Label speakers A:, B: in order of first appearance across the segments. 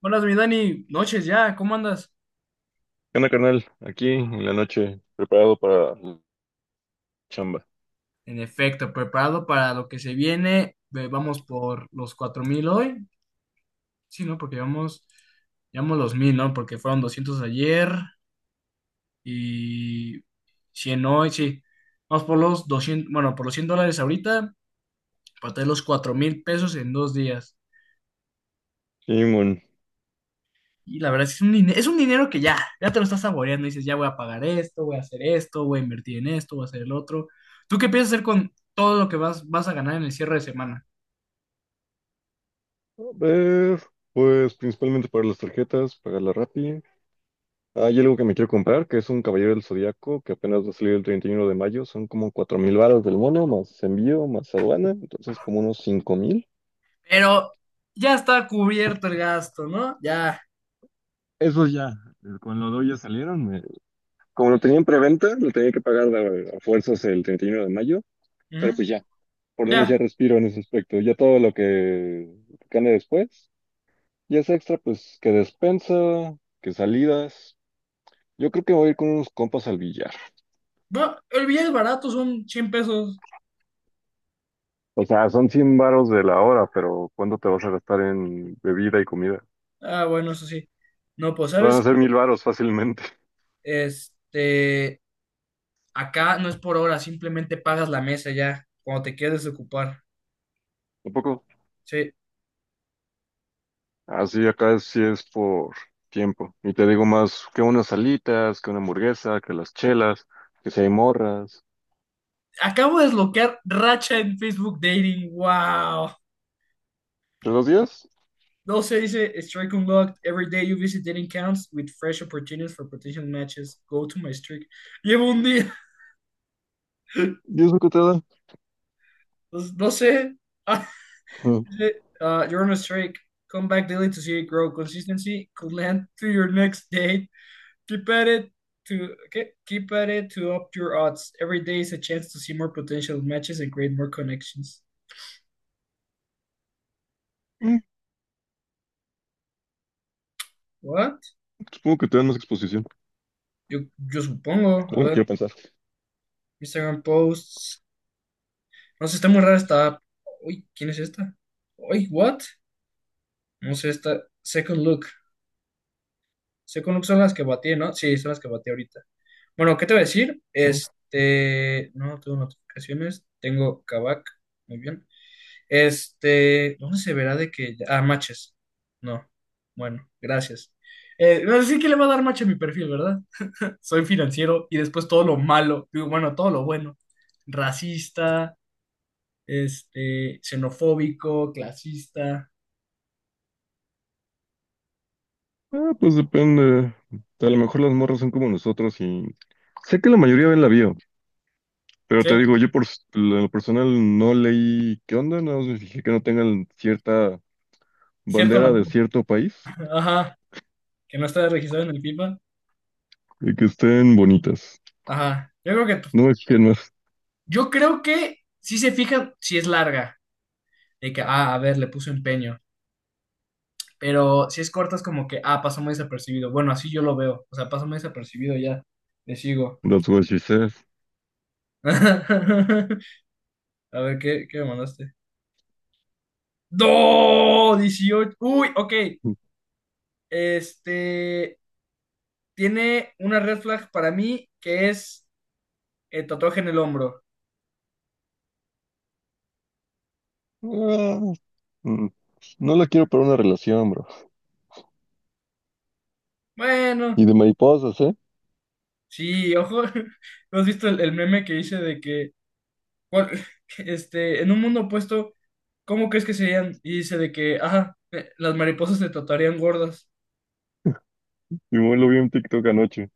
A: Buenas, mi Dani, noches ya, ¿cómo andas?
B: ¿Qué onda, carnal? Aquí en la noche, preparado para la chamba.
A: En efecto, preparado para lo que se viene. Vamos por los 4000 hoy. Sí, ¿no? Porque llevamos los 1000, ¿no? Porque fueron 200 ayer y 100 hoy, sí. Vamos por los 200, bueno, por los $100 ahorita, para tener los 4000 pesos en dos días.
B: Simón.
A: Y la verdad es que es un dinero que ya te lo estás saboreando. Dices, ya voy a pagar esto, voy a hacer esto, voy a invertir en esto, voy a hacer el otro. ¿Tú qué piensas hacer con todo lo que vas a ganar en el cierre de semana?
B: A ver, pues principalmente para las tarjetas, pagar la Rappi. Hay algo que me quiero comprar, que es un Caballero del Zodíaco, que apenas va a salir el 31 de mayo. Son como 4 mil varos del mono, más envío, más aduana, entonces como unos 5 mil.
A: Pero ya está cubierto el gasto, ¿no? Ya.
B: Eso ya, con lo doy ya salieron. Como lo tenía en preventa, lo tenía que pagar a fuerzas el 31 de mayo, pero
A: Ujú.
B: pues ya, por lo menos ya
A: Ya.
B: respiro en ese aspecto. Ya todo lo que gane después. Y es extra, pues, que despensa, que salidas. Yo creo que voy a ir con unos compas al billar.
A: Bueno, no, el billete barato son 100 pesos.
B: O sea, son 100 varos de la hora, pero ¿cuánto te vas a gastar en bebida y comida?
A: Ah, bueno, eso sí. No, pues,
B: Van
A: ¿sabes
B: a ser
A: qué?
B: mil varos fácilmente.
A: Este, Acá no es por hora, simplemente pagas la mesa ya, cuando te quieres desocupar.
B: Un poco.
A: Sí.
B: Así acá sí es por tiempo. Y te digo más que unas salitas, que una hamburguesa, que las chelas, que si hay morras.
A: Acabo de desbloquear Racha en Facebook Dating. ¡Wow!
B: ¿Pero los días?
A: No se dice Strike Unlocked. Every day you visit Dating counts with fresh opportunities for potential matches. Go to my streak. Llevo un día.
B: ¿Diez lo que te da?
A: Pues, no sé.
B: Ujú.
A: Is it, You're on a streak. Come back daily to see it grow. Consistency could land to your next date. Keep at it to okay Keep at it to up your odds. Every day is a chance to see more potential matches and create more connections.
B: Mm,
A: What?
B: Supongo que te dan más exposición.
A: Yo, yo supongo. A
B: Bueno,
A: ver,
B: quiero pensar.
A: Instagram posts. No sé, está muy rara esta app. Uy, ¿quién es esta? Uy, what? No sé, esta. Second Look. Second Look son las que batí, ¿no? Sí, son las que batí ahorita. Bueno, ¿qué te voy a decir? No tengo notificaciones, tengo Kavak, muy bien. ¿Dónde se verá de que Ah, matches. No, bueno, gracias. No sé que le va a dar match a mi perfil, ¿verdad? Soy financiero y después todo lo malo, digo, bueno, todo lo bueno. Racista, xenofóbico, clasista.
B: Ah, pues depende. A lo mejor las morras son como nosotros y sé que la mayoría ven la bio, pero
A: Sí,
B: te digo, yo lo personal no leí qué onda, nada más me fijé que no tengan cierta
A: cierto,
B: bandera de cierto país
A: ajá, que no está registrado en el FIFA.
B: y que estén bonitas.
A: Ajá, yo creo que,
B: No es que no es.
A: yo creo que si se fijan, si es larga. De que, ah, a ver, le puso empeño. Pero si es corto, es como que, ah, pasó muy desapercibido. Bueno, así yo lo veo. O sea, pasó muy desapercibido ya. Le sigo.
B: That's what she says.
A: A ver, ¿qué me mandaste? ¡No! 18. Uy, ok. Este. Tiene una red flag para mí que es el tatuaje en el hombro.
B: Ah, mm, no la quiero para una relación, bro.
A: Bueno,
B: Y de mariposas, ¿eh?
A: sí, ojo. ¿No has visto el meme que hice de que ¿cuál? En un mundo opuesto, ¿cómo crees que serían? Y dice de que, ajá, las mariposas te tratarían gordas.
B: Simón, lo vi en TikTok anoche.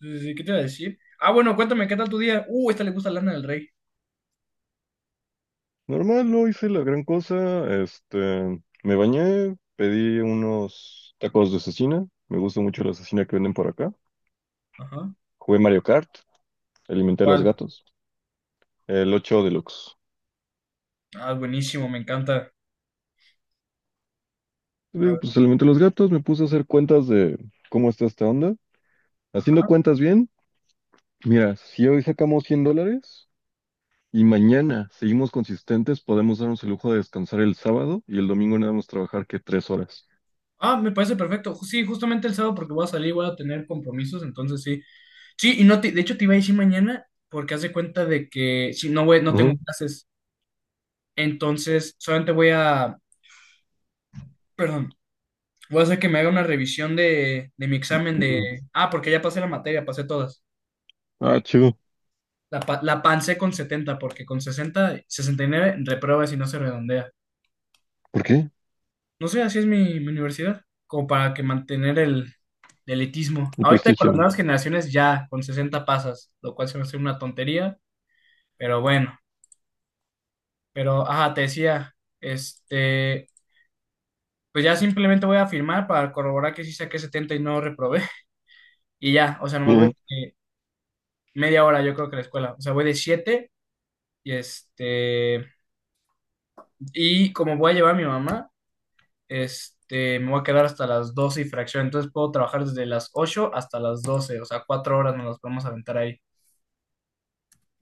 A: Entonces, ¿qué te iba a decir? Ah, bueno, cuéntame, ¿qué tal tu día? Esta le gusta Lana del Rey.
B: Normal, no hice la gran cosa. Me bañé, pedí unos tacos de cecina. Me gusta mucho la cecina que venden por acá.
A: Ajá.
B: Jugué Mario Kart, alimenté a los
A: ¿Cuál?
B: gatos. El 8 Deluxe.
A: Ah, buenísimo, me encanta. A
B: Digo,
A: ver.
B: pues alimenté a los gatos, me puse a hacer cuentas de cómo está esta onda. Haciendo
A: Ajá.
B: cuentas bien, mira, si hoy sacamos 100 dólares y mañana seguimos consistentes, podemos darnos el lujo de descansar el sábado y el domingo nada más trabajar que tres horas.
A: Ah, me parece perfecto. Sí, justamente el sábado porque voy a salir, voy a tener compromisos, entonces sí. Sí, y no te- de hecho te iba a decir mañana porque haz de cuenta de que si no voy, no tengo
B: Ajá.
A: clases, entonces solamente voy a, perdón. Voy a hacer que me haga una revisión de mi examen de... Ah, porque ya pasé la materia, pasé todas.
B: Ah, chido.
A: La pancé con 70 porque con 69 repruebas y no se redondea.
B: ¿Por qué?
A: No sé, así es mi universidad, como para que mantener el elitismo.
B: El
A: Ahorita con las
B: prestigio.
A: nuevas generaciones ya con 60 pasas, lo cual se me hace una tontería, pero bueno. Pero, ajá, te decía. Pues ya simplemente voy a firmar para corroborar que sí saqué 70 y no reprobé. Y ya, o sea, nomás media hora yo creo que a la escuela. O sea, voy de siete. Y este, y como voy a llevar a mi mamá, me voy a quedar hasta las 12 y fracción. Entonces puedo trabajar desde las 8 hasta las doce, o sea, cuatro horas nos las podemos aventar ahí.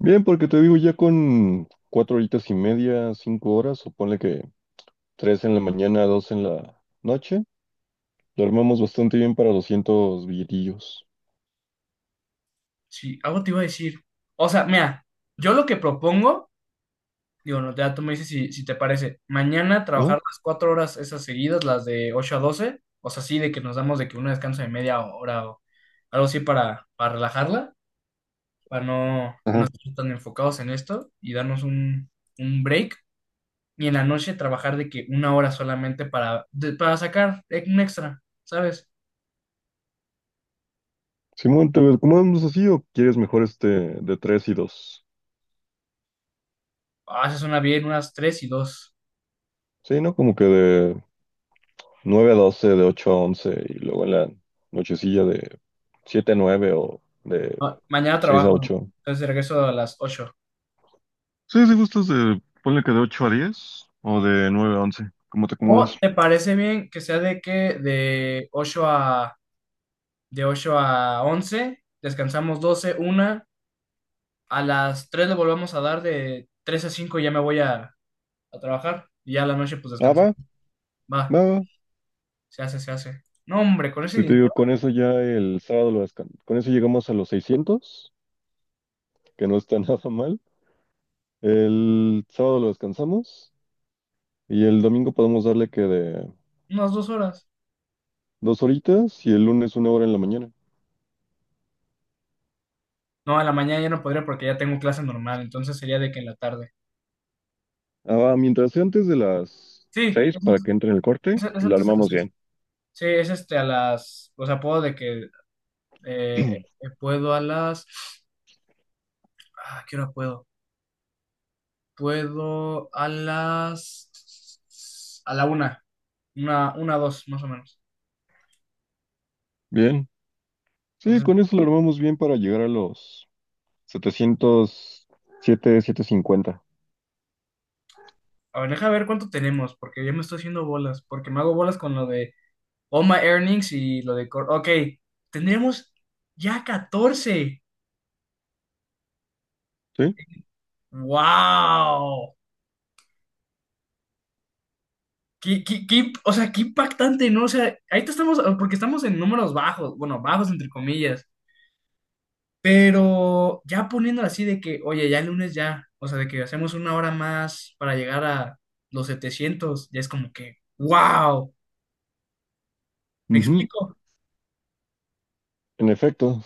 B: Bien, porque te digo, ya con cuatro horitas y media, cinco horas, o ponle que tres en la mañana, dos en la noche, lo armamos bastante bien para 200 billetillos.
A: Sí, algo te iba a decir. O sea, mira, yo lo que propongo, digo, no, ya tú me dices si te parece, mañana trabajar
B: Ajá.
A: las cuatro horas esas seguidas, las de 8 a doce, o sea, sí, de que nos damos de que un descanso de media hora o algo así para relajarla, para no
B: Ajá.
A: estar tan enfocados en esto y darnos un break y en la noche trabajar de que una hora solamente para sacar un extra, ¿sabes?
B: Simón, ¿te lo acomodamos así o quieres mejor este de tres y dos?
A: Ah, se suena bien, unas tres y dos.
B: Sí, ¿no? Como que de nueve a doce, de ocho a once, y luego en la nochecilla de siete a nueve o de
A: Ah, mañana
B: seis a
A: trabajo,
B: ocho.
A: entonces regreso a las ocho.
B: Sí, si gustas de, ponle que de ocho a diez o de nueve a once, como te acomodes.
A: ¿O te parece bien que sea de que de ocho a once descansamos 12 una, a las 3 le volvemos a dar de 3 a 5. Ya me voy a trabajar y ya a la noche pues
B: Ah, va,
A: descansamos. Va,
B: va, va.
A: se hace, se hace. No, hombre, con ese
B: Si te
A: dinero,
B: digo, con eso ya el sábado lo descansamos. Con eso llegamos a los 600, que no está nada mal. El sábado lo descansamos y el domingo podemos darle que de
A: unas dos horas.
B: dos horitas y el lunes una hora en la mañana.
A: No, a la mañana ya no podría porque ya tengo clase normal, entonces sería de que en la tarde.
B: Ah, mientras sea antes de las
A: Sí,
B: seis
A: es,
B: para
A: antes
B: que entre en el corte,
A: es- es
B: la
A: antes de las
B: armamos
A: seis.
B: bien.
A: Sí, es este a las, o sea, puedo de que puedo a las, ah, ¿qué hora puedo? Puedo a la una, una, dos, más o menos.
B: Bien. Sí,
A: Entonces,
B: con eso lo armamos bien para llegar a los 707, 750.
A: a ver, deja ver cuánto tenemos, porque ya me estoy haciendo bolas, porque me hago bolas con lo de All My Earnings y lo de, ok, tendremos ya 14.
B: ¿Sí?
A: ¡Wow! O sea, qué impactante, ¿no? O sea, ahorita estamos, porque estamos en números bajos, bueno, bajos entre comillas, pero ya poniéndolo así de que, oye, ya el lunes ya, o sea, de que hacemos una hora más para llegar a los 700, ya es como que, wow, ¿me
B: Ujú.
A: explico?
B: En efecto.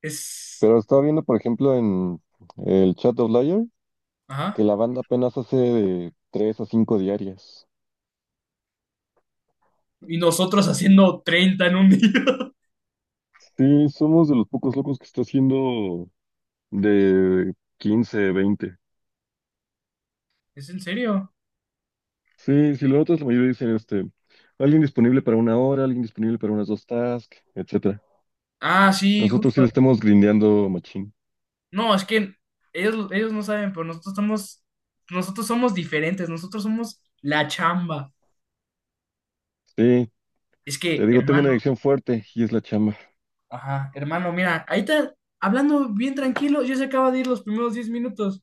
A: Es,
B: Pero estaba viendo, por ejemplo, en el chat de Outlier
A: ajá,
B: que la banda apenas hace de tres a cinco diarias.
A: y nosotros haciendo 30 en un día.
B: Sí, somos de los pocos locos que está haciendo de 15, 20.
A: ¿Es en serio?
B: Sí, si lo notas, la mayoría dicen alguien disponible para una hora, alguien disponible para unas dos tasks, etcétera.
A: Ah, sí,
B: Nosotros sí
A: justo.
B: le estamos grindeando machín.
A: No, es que ellos no saben, pero nosotros somos diferentes, nosotros somos la chamba.
B: Sí,
A: Es
B: te
A: que,
B: digo, tengo una
A: hermano.
B: adicción fuerte y es la chamba.
A: Ajá, hermano, mira, ahí está hablando bien tranquilo, ya se acaba de ir los primeros 10 minutos.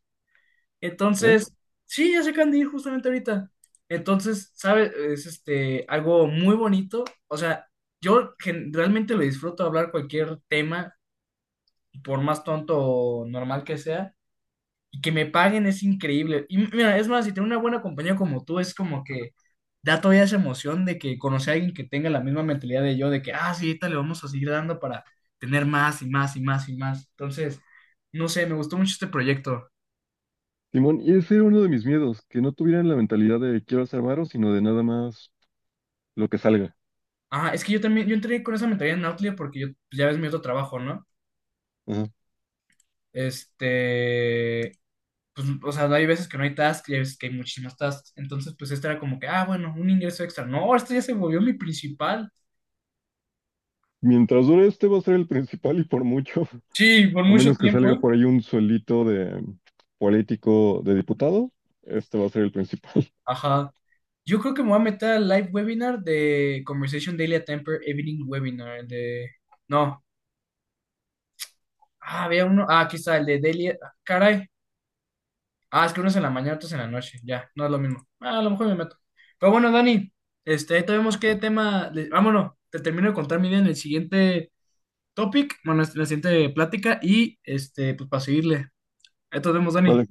B: ¿Eh?
A: Entonces, sí, ya se acaban de ir justamente ahorita. Entonces, ¿sabes? Es algo muy bonito. O sea, yo realmente lo disfruto hablar cualquier tema, por más tonto o normal que sea, y que me paguen es increíble. Y mira, es más, si tengo una buena compañía como tú, es como que da todavía esa emoción de que conocer a alguien que tenga la misma mentalidad de yo, de que, ah, sí, ahorita le vamos a seguir dando para tener más y más y más y más. Entonces, no sé, me gustó mucho este proyecto.
B: Simón, y ese era uno de mis miedos, que no tuvieran la mentalidad de quiero hacer varo, sino de nada más lo que salga.
A: Ah, es que yo también, yo entré con esa mentalidad en Outlier porque yo, pues, ya ves mi otro trabajo, ¿no?
B: Ajá.
A: Este, pues, o sea, hay veces que no hay tasks y hay veces que hay muchísimas tasks. Entonces, pues, este era como que, ah, bueno, un ingreso extra. No, este ya se volvió mi principal.
B: Mientras dure este va a ser el principal y por mucho.
A: Sí, por
B: A
A: mucho
B: menos que
A: tiempo,
B: salga
A: ¿eh?
B: por ahí un suelito de político, de diputado, este va a ser el principal.
A: Ajá. Yo creo que me voy a meter al live webinar de Conversation Daily at Temper Evening Webinar. El de... No. Ah, había uno. Ah, aquí está, el de Daily. Caray. Ah, es que uno es en la mañana, otro es en la noche. Ya, no es lo mismo. Ah, a lo mejor me meto. Pero bueno, Dani, ahorita vemos qué tema. Vámonos. Te termino de contar mi idea en el siguiente topic, bueno, en la siguiente plática y pues para seguirle. Ahí nos vemos, Dani.
B: Vale.